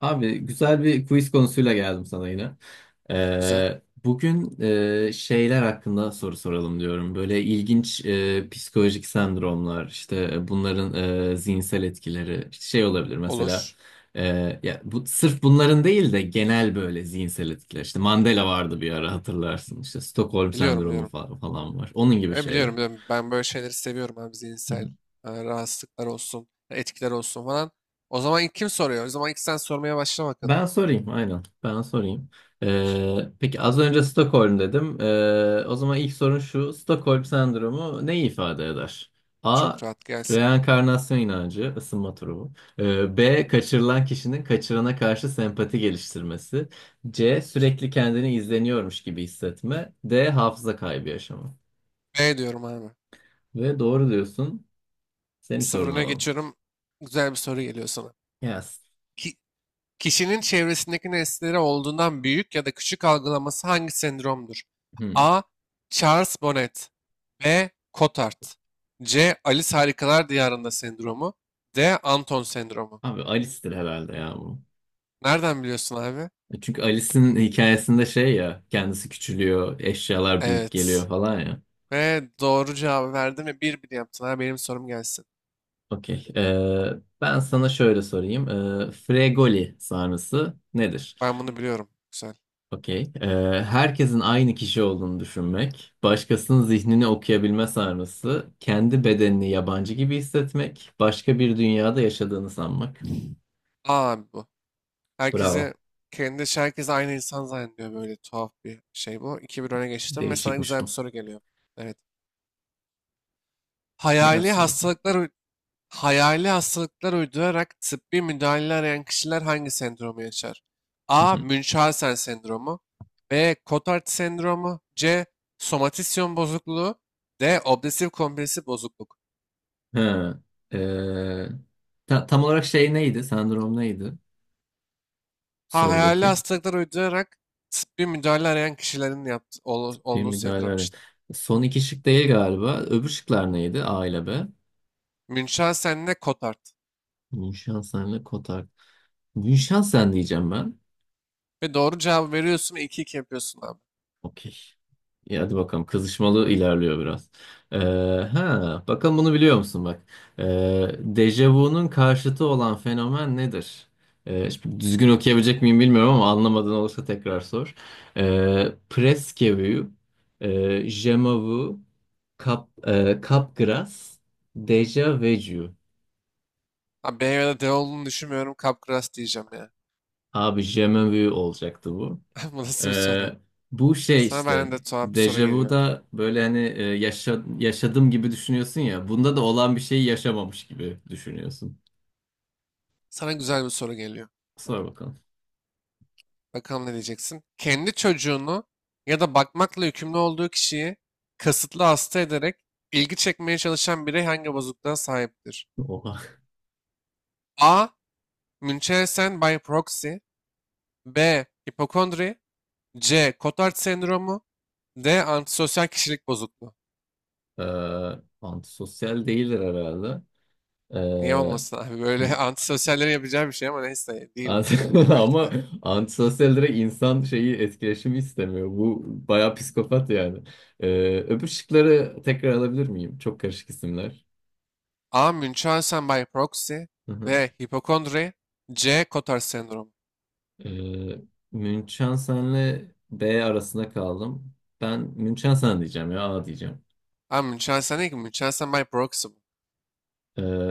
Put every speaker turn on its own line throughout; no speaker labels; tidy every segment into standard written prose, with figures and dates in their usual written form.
Abi güzel bir quiz konusuyla geldim sana yine.
Güzel.
Bugün şeyler hakkında soru soralım diyorum. Böyle ilginç psikolojik sendromlar, işte bunların zihinsel etkileri, işte şey olabilir mesela.
Olur.
e, Ya bu sırf bunların değil de genel böyle zihinsel etkiler. İşte Mandela vardı bir ara hatırlarsın. İşte Stockholm
Biliyorum,
sendromu
biliyorum.
falan var. Onun gibi
Ben
şeyler.
biliyorum, biliyorum. Ben böyle şeyleri seviyorum abi, zihinsel rahatsızlıklar olsun, etkiler olsun falan. O zaman ilk kim soruyor? O zaman ilk sen sormaya başla bakalım.
Ben sorayım, aynen. Ben sorayım. Peki az önce Stockholm dedim. O zaman ilk sorun şu. Stockholm sendromu neyi ifade eder? A.
Çok rahat gelsin.
Reenkarnasyon inancı, ısınma turu bu. B. Kaçırılan kişinin kaçırana karşı sempati geliştirmesi. C. Sürekli kendini izleniyormuş gibi hissetme. D. Hafıza kaybı yaşama.
B diyorum abi.
Ve doğru diyorsun. Senin
1-0
sorunu
öne
alalım.
geçiyorum. Güzel bir soru geliyor sana.
Yes.
Ki- Kişinin çevresindeki nesneleri olduğundan büyük ya da küçük algılaması hangi sendromdur?
Hmm.
A. Charles Bonnet. B. Cotard. C. Alice Harikalar Diyarında sendromu. D. Anton sendromu.
Abi Alice'tir herhalde ya bu.
Nereden biliyorsun abi?
Çünkü Alice'in hikayesinde şey ya kendisi küçülüyor, eşyalar büyük
Evet.
geliyor falan ya.
Ve doğru cevabı verdin ve 1-1 yaptın. Ha, benim sorum gelsin.
Okey. Ben sana şöyle sorayım. Fregoli sarnısı nedir?
Ben bunu biliyorum. Güzel.
Okey. Herkesin aynı kişi olduğunu düşünmek, başkasının zihnini okuyabilme sarnısı, kendi bedenini yabancı gibi hissetmek, başka bir dünyada yaşadığını sanmak.
Aa abi, bu. Herkesi
Bravo.
Kendi, herkes aynı insan zannediyor, böyle tuhaf bir şey bu. 2 bir öne geçtim ve sana
Değişikmiş
güzel bir
bu.
soru geliyor. Evet. Hayali
Gelsin bakalım.
hastalıklar Hayali hastalıklar uydurarak tıbbi müdahale arayan kişiler hangi sendromu yaşar?
Hı
A.
hı.
Münchhausen sendromu. B. Cotard sendromu. C. Somatisyon bozukluğu. D. Obsesif kompulsif bozukluk.
Ha, ee, tam olarak şey neydi? Sendrom neydi?
Ha, hayali
Sorudaki.
hastalıklar uydurarak tıbbi müdahale arayan kişilerin
Bir
olduğu sendrom
müdahale.
işte.
Son iki şık değil galiba. Öbür şıklar neydi? A ile B.
Münchhausen ile Cotard.
Münşansen ile Kotak. Münşansen diyeceğim ben.
Ve doğru cevabı veriyorsun ve 2-2 yapıyorsun abi.
Okey. İyi hadi bakalım. Kızışmalı ilerliyor biraz. Ee, ha, Bakalım bunu biliyor musun bak. Dejavu'nun karşıtı olan fenomen nedir? Şimdi düzgün okuyabilecek miyim bilmiyorum ama anlamadığın olursa tekrar sor. Presque vu, je m'avoue, capgras, déjà vu.
Ha, B ya da D olduğunu düşünmüyorum. Capgras diyeceğim ya.
Abi je m'avoue olacaktı bu.
Bu nasıl bir
Ee,
soru?
Bu şey
Sana
işte
benden de tuhaf bir soru geliyor.
dejavuda böyle hani yaşadım gibi düşünüyorsun ya. Bunda da olan bir şeyi yaşamamış gibi düşünüyorsun.
Sana güzel bir soru geliyor.
Sor bakalım.
Bakalım ne diyeceksin? Kendi çocuğunu ya da bakmakla yükümlü olduğu kişiyi kasıtlı hasta ederek ilgi çekmeye çalışan birey hangi bozukluğa sahiptir?
Oha.
A. Münchhausen by proxy. B. Hipokondri. C. Cotard sendromu. D. Antisosyal kişilik bozukluğu.
Ee, Antisosyal değildir herhalde.
Niye
Ee,
olmasın abi? Böyle antisosyallerin yapacağı bir şey, ama neyse değildir belki
Ama
de.
antisosyal direkt insan şeyi etkileşimi istemiyor. Bu bayağı psikopat yani. Öbür şıkları tekrar alabilir miyim? Çok karışık isimler.
A. Münchhausen by proxy. B. Hipokondri. C. Cotard sendromu.
Ee, Münchhausen'le B arasında kaldım. Ben Münchhausen diyeceğim ya A diyeceğim.
Ha, Münchhausen değil ki. Münchhausen by proxy bu.
Ee,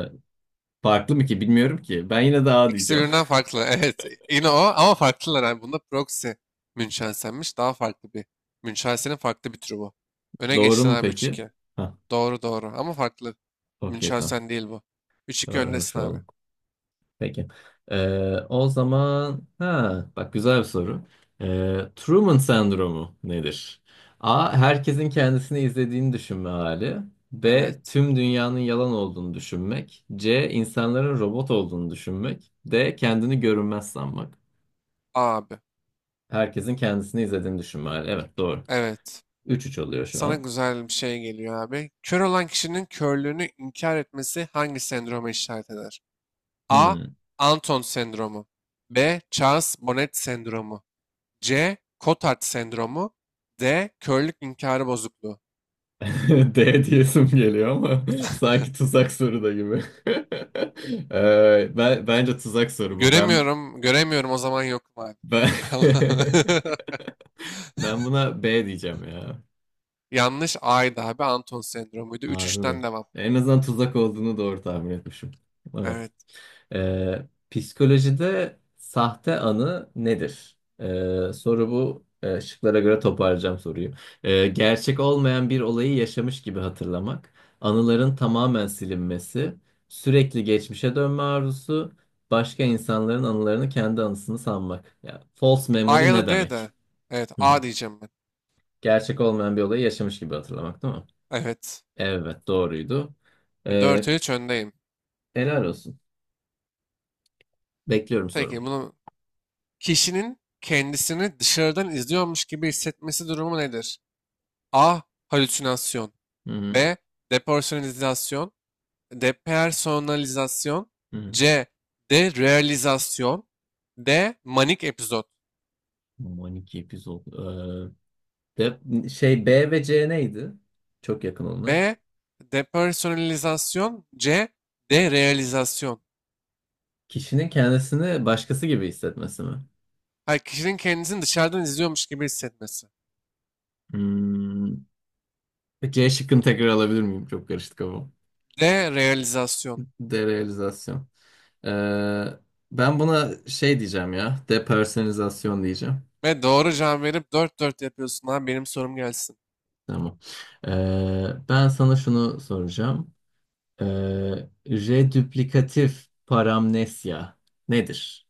Farklı mı ki bilmiyorum ki. Ben yine de A
İkisi
diyeceğim.
birbirinden farklı. Evet. Yine o ama farklılar. Yani bunda proxy Münchhausen'miş. Daha farklı bir. Münchhausen'in farklı bir türü bu. Öne
Doğru
geçtin
mu
abi,
peki?
3-2.
Ha,
Doğru, doğru. Ama farklı.
okey tamam.
Münchhausen değil bu. 3-2
Öğrenmiş
öndesin abi.
oldum. Peki. O zaman ha bak güzel bir soru. Truman sendromu nedir? A. Herkesin kendisini izlediğini düşünme hali. B.
Evet.
Tüm dünyanın yalan olduğunu düşünmek. C. İnsanların robot olduğunu düşünmek. D. Kendini görünmez sanmak.
Abi.
Herkesin kendisini izlediğini düşünme hali. Evet doğru.
Evet.
Üç üç oluyor şu
Sana
an.
güzel bir şey geliyor abi. Kör olan kişinin körlüğünü inkar etmesi hangi sendroma işaret eder? A.
Hmm.
Anton sendromu. B. Charles-Bonnet sendromu. C. Cotard sendromu. D. Körlük inkarı bozukluğu.
D diyesim geliyor ama sanki tuzak soru da gibi. Bence tuzak soru bu. Ben
Göremiyorum, göremiyorum, o zaman yokum abi.
Ben ben buna B diyeceğim ya.
Yanlış, A'ydı abi. Anton sendromuydu. Üç
Harbi mi?
3ten devam.
En azından tuzak olduğunu doğru tahmin etmişim. Evet.
Evet.
Ee, Psikolojide sahte anı nedir? Soru bu. Şıklara göre toparlayacağım soruyu. Gerçek olmayan bir olayı yaşamış gibi hatırlamak, anıların tamamen silinmesi, sürekli geçmişe dönme arzusu, başka insanların anılarını kendi anısını sanmak. Ya, false
A
memory
ya da
ne
D
demek?
de. Evet, A diyeceğim ben.
Gerçek olmayan bir olayı yaşamış gibi hatırlamak değil mi?
Evet.
Evet doğruydu. Ee,
4-3 öndeyim.
Helal olsun. Bekliyorum
Peki
sorumu.
bunu Kişinin kendisini dışarıdan izliyormuş gibi hissetmesi durumu nedir? A. Halüsinasyon.
Hı hı.
B. Depersonalizasyon. Depersonalizasyon.
Hı hı.
C. Derealizasyon. D. Manik epizod.
Aman iki epizod. Şey B ve C neydi? Çok yakın onlar.
B. Depersonalizasyon. C. Derealizasyon.
Kişinin kendisini başkası gibi hissetmesi mi?
Hayır, kişinin kendisini dışarıdan izliyormuş gibi hissetmesi.
Hmm. C şıkkını tekrar alabilir miyim? Çok karıştı kafam.
D. Realizasyon.
Derealizasyon. Ee, Ben buna şey diyeceğim ya. Depersonalizasyon diyeceğim.
Ve doğru cevap verip 4-4 yapıyorsun abi. Benim sorum gelsin.
Tamam. Ben sana şunu soracağım. Redüplikatif paramnesya nedir?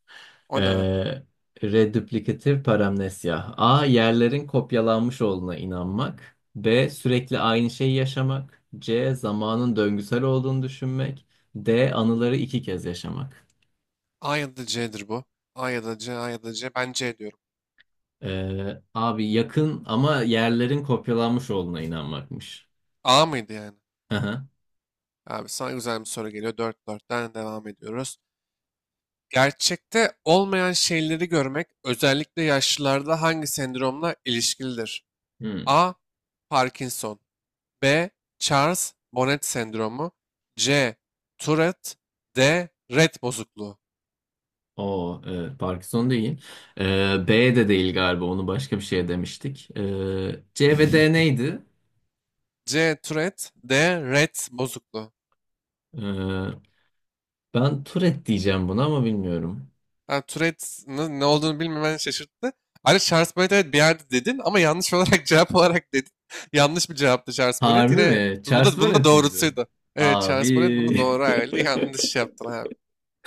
O ne abi?
Ee, Redüplikatif paramnesya. A. Yerlerin kopyalanmış olduğuna inanmak. B. Sürekli aynı şeyi yaşamak. C. Zamanın döngüsel olduğunu düşünmek. D. Anıları iki kez yaşamak.
A ya da C'dir bu. A ya da C, A ya da C. Ben C diyorum.
Abi yakın ama yerlerin kopyalanmış olduğuna inanmakmış.
A mıydı yani?
Aha.
Abi, sana güzel bir soru geliyor. 4-4'ten devam ediyoruz. Gerçekte olmayan şeyleri görmek özellikle yaşlılarda hangi sendromla ilişkilidir?
Hmm.
A. Parkinson. B. Charles Bonnet sendromu. C. Tourette. D. Rett bozukluğu.
O evet, Parkinson değil. B de değil galiba. Onu başka bir şeye demiştik. C ve D neydi?
C. Tourette. D. Rett bozukluğu.
Ee, Ben Tourette diyeceğim buna ama bilmiyorum.
Ha, Tourette'nin ne olduğunu bilmemen şaşırttı. Ayrıca Charles Bonnet, evet, bir yerde dedin ama yanlış olarak cevap olarak dedin. Yanlış bir cevaptı Charles Bonnet.
Harbi
Yine
mi?
bu
Charles
da, bunun da
Bonnet miydi?
doğrusuydu. Evet,
Abi.
Charles Bonnet bunu doğru ayarladı. Yanlış yaptın abi.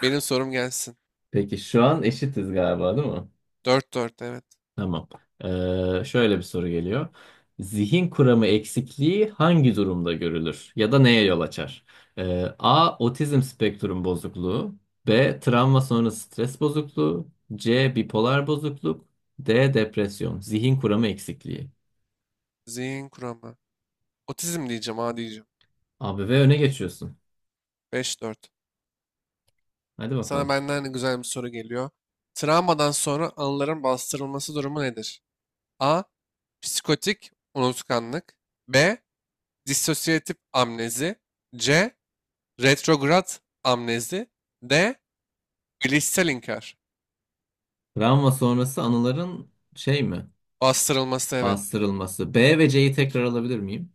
Benim sorum gelsin.
Peki şu an eşitiz galiba değil mi?
4-4, evet.
Tamam. Şöyle bir soru geliyor. Zihin kuramı eksikliği hangi durumda görülür ya da neye yol açar? A. Otizm spektrum bozukluğu. B. Travma sonrası stres bozukluğu. C. Bipolar bozukluk. D. Depresyon. Zihin kuramı eksikliği.
Zihin kuramı. Otizm diyeceğim, ha, diyeceğim.
Abi ve öne geçiyorsun.
5-4.
Hadi
Sana
bakalım.
benden güzel bir soru geliyor. Travmadan sonra anıların bastırılması durumu nedir? A. Psikotik unutkanlık. B. Dissosiyatif amnezi. C. Retrograd amnezi. D. Bilişsel inkar.
Travma sonrası anıların şey mi?
Bastırılması, evet.
Bastırılması. B ve C'yi tekrar alabilir miyim?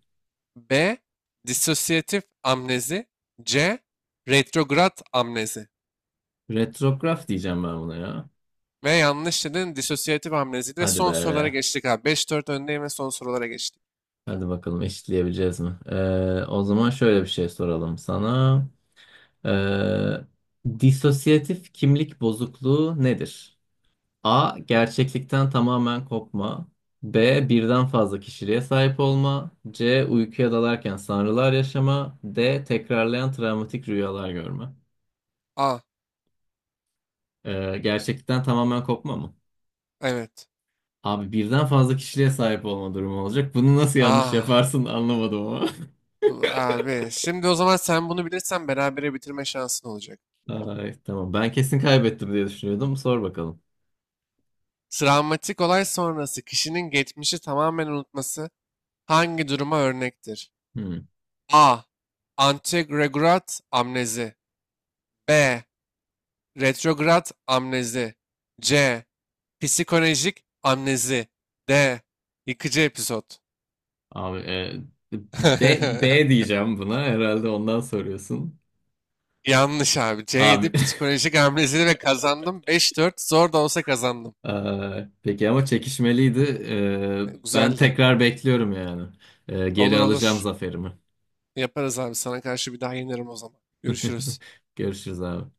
B. Disosyatif amnezi. C. Retrograd amnezi.
Retrograf diyeceğim ben buna ya.
Ve yanlış dedin, disosyatif amnezi. Ve
Hadi
son sorulara
be.
geçtik abi. 5-4 öndeyim ve son sorulara geçtik.
Hadi bakalım eşitleyebileceğiz mi? O zaman şöyle bir şey soralım sana. Ee, Disosiyatif kimlik bozukluğu nedir? A. Gerçeklikten tamamen kopma. B. Birden fazla kişiliğe sahip olma. C. Uykuya dalarken sanrılar yaşama. D. Tekrarlayan travmatik rüyalar görme.
A.
Gerçeklikten tamamen kopma mı?
Evet.
Abi birden fazla kişiliğe sahip olma durumu olacak. Bunu nasıl yanlış
A.
yaparsın anlamadım ama.
Abi. Şimdi o zaman sen bunu bilirsen berabere bitirme şansın olacak.
Ay, tamam. Ben kesin kaybettim diye düşünüyordum. Sor bakalım.
Travmatik olay sonrası kişinin geçmişi tamamen unutması hangi duruma örnektir?
Hmm.
A. Anteregrat amnezi. B. Retrograt amnezi. C. Psikolojik amnezi. D. Yıkıcı episod.
Abi e, B diyeceğim buna. Herhalde ondan soruyorsun.
Yanlış abi. C'ydi
Abi.
psikolojik amnezi ve kazandım. 5-4, zor da olsa kazandım.
Peki ama çekişmeliydi. Ben
Güzeldi.
tekrar bekliyorum yani. Geri
Olur,
alacağım
olur.
zaferimi.
Yaparız abi. Sana karşı bir daha yenirim o zaman. Görüşürüz.
Görüşürüz abi.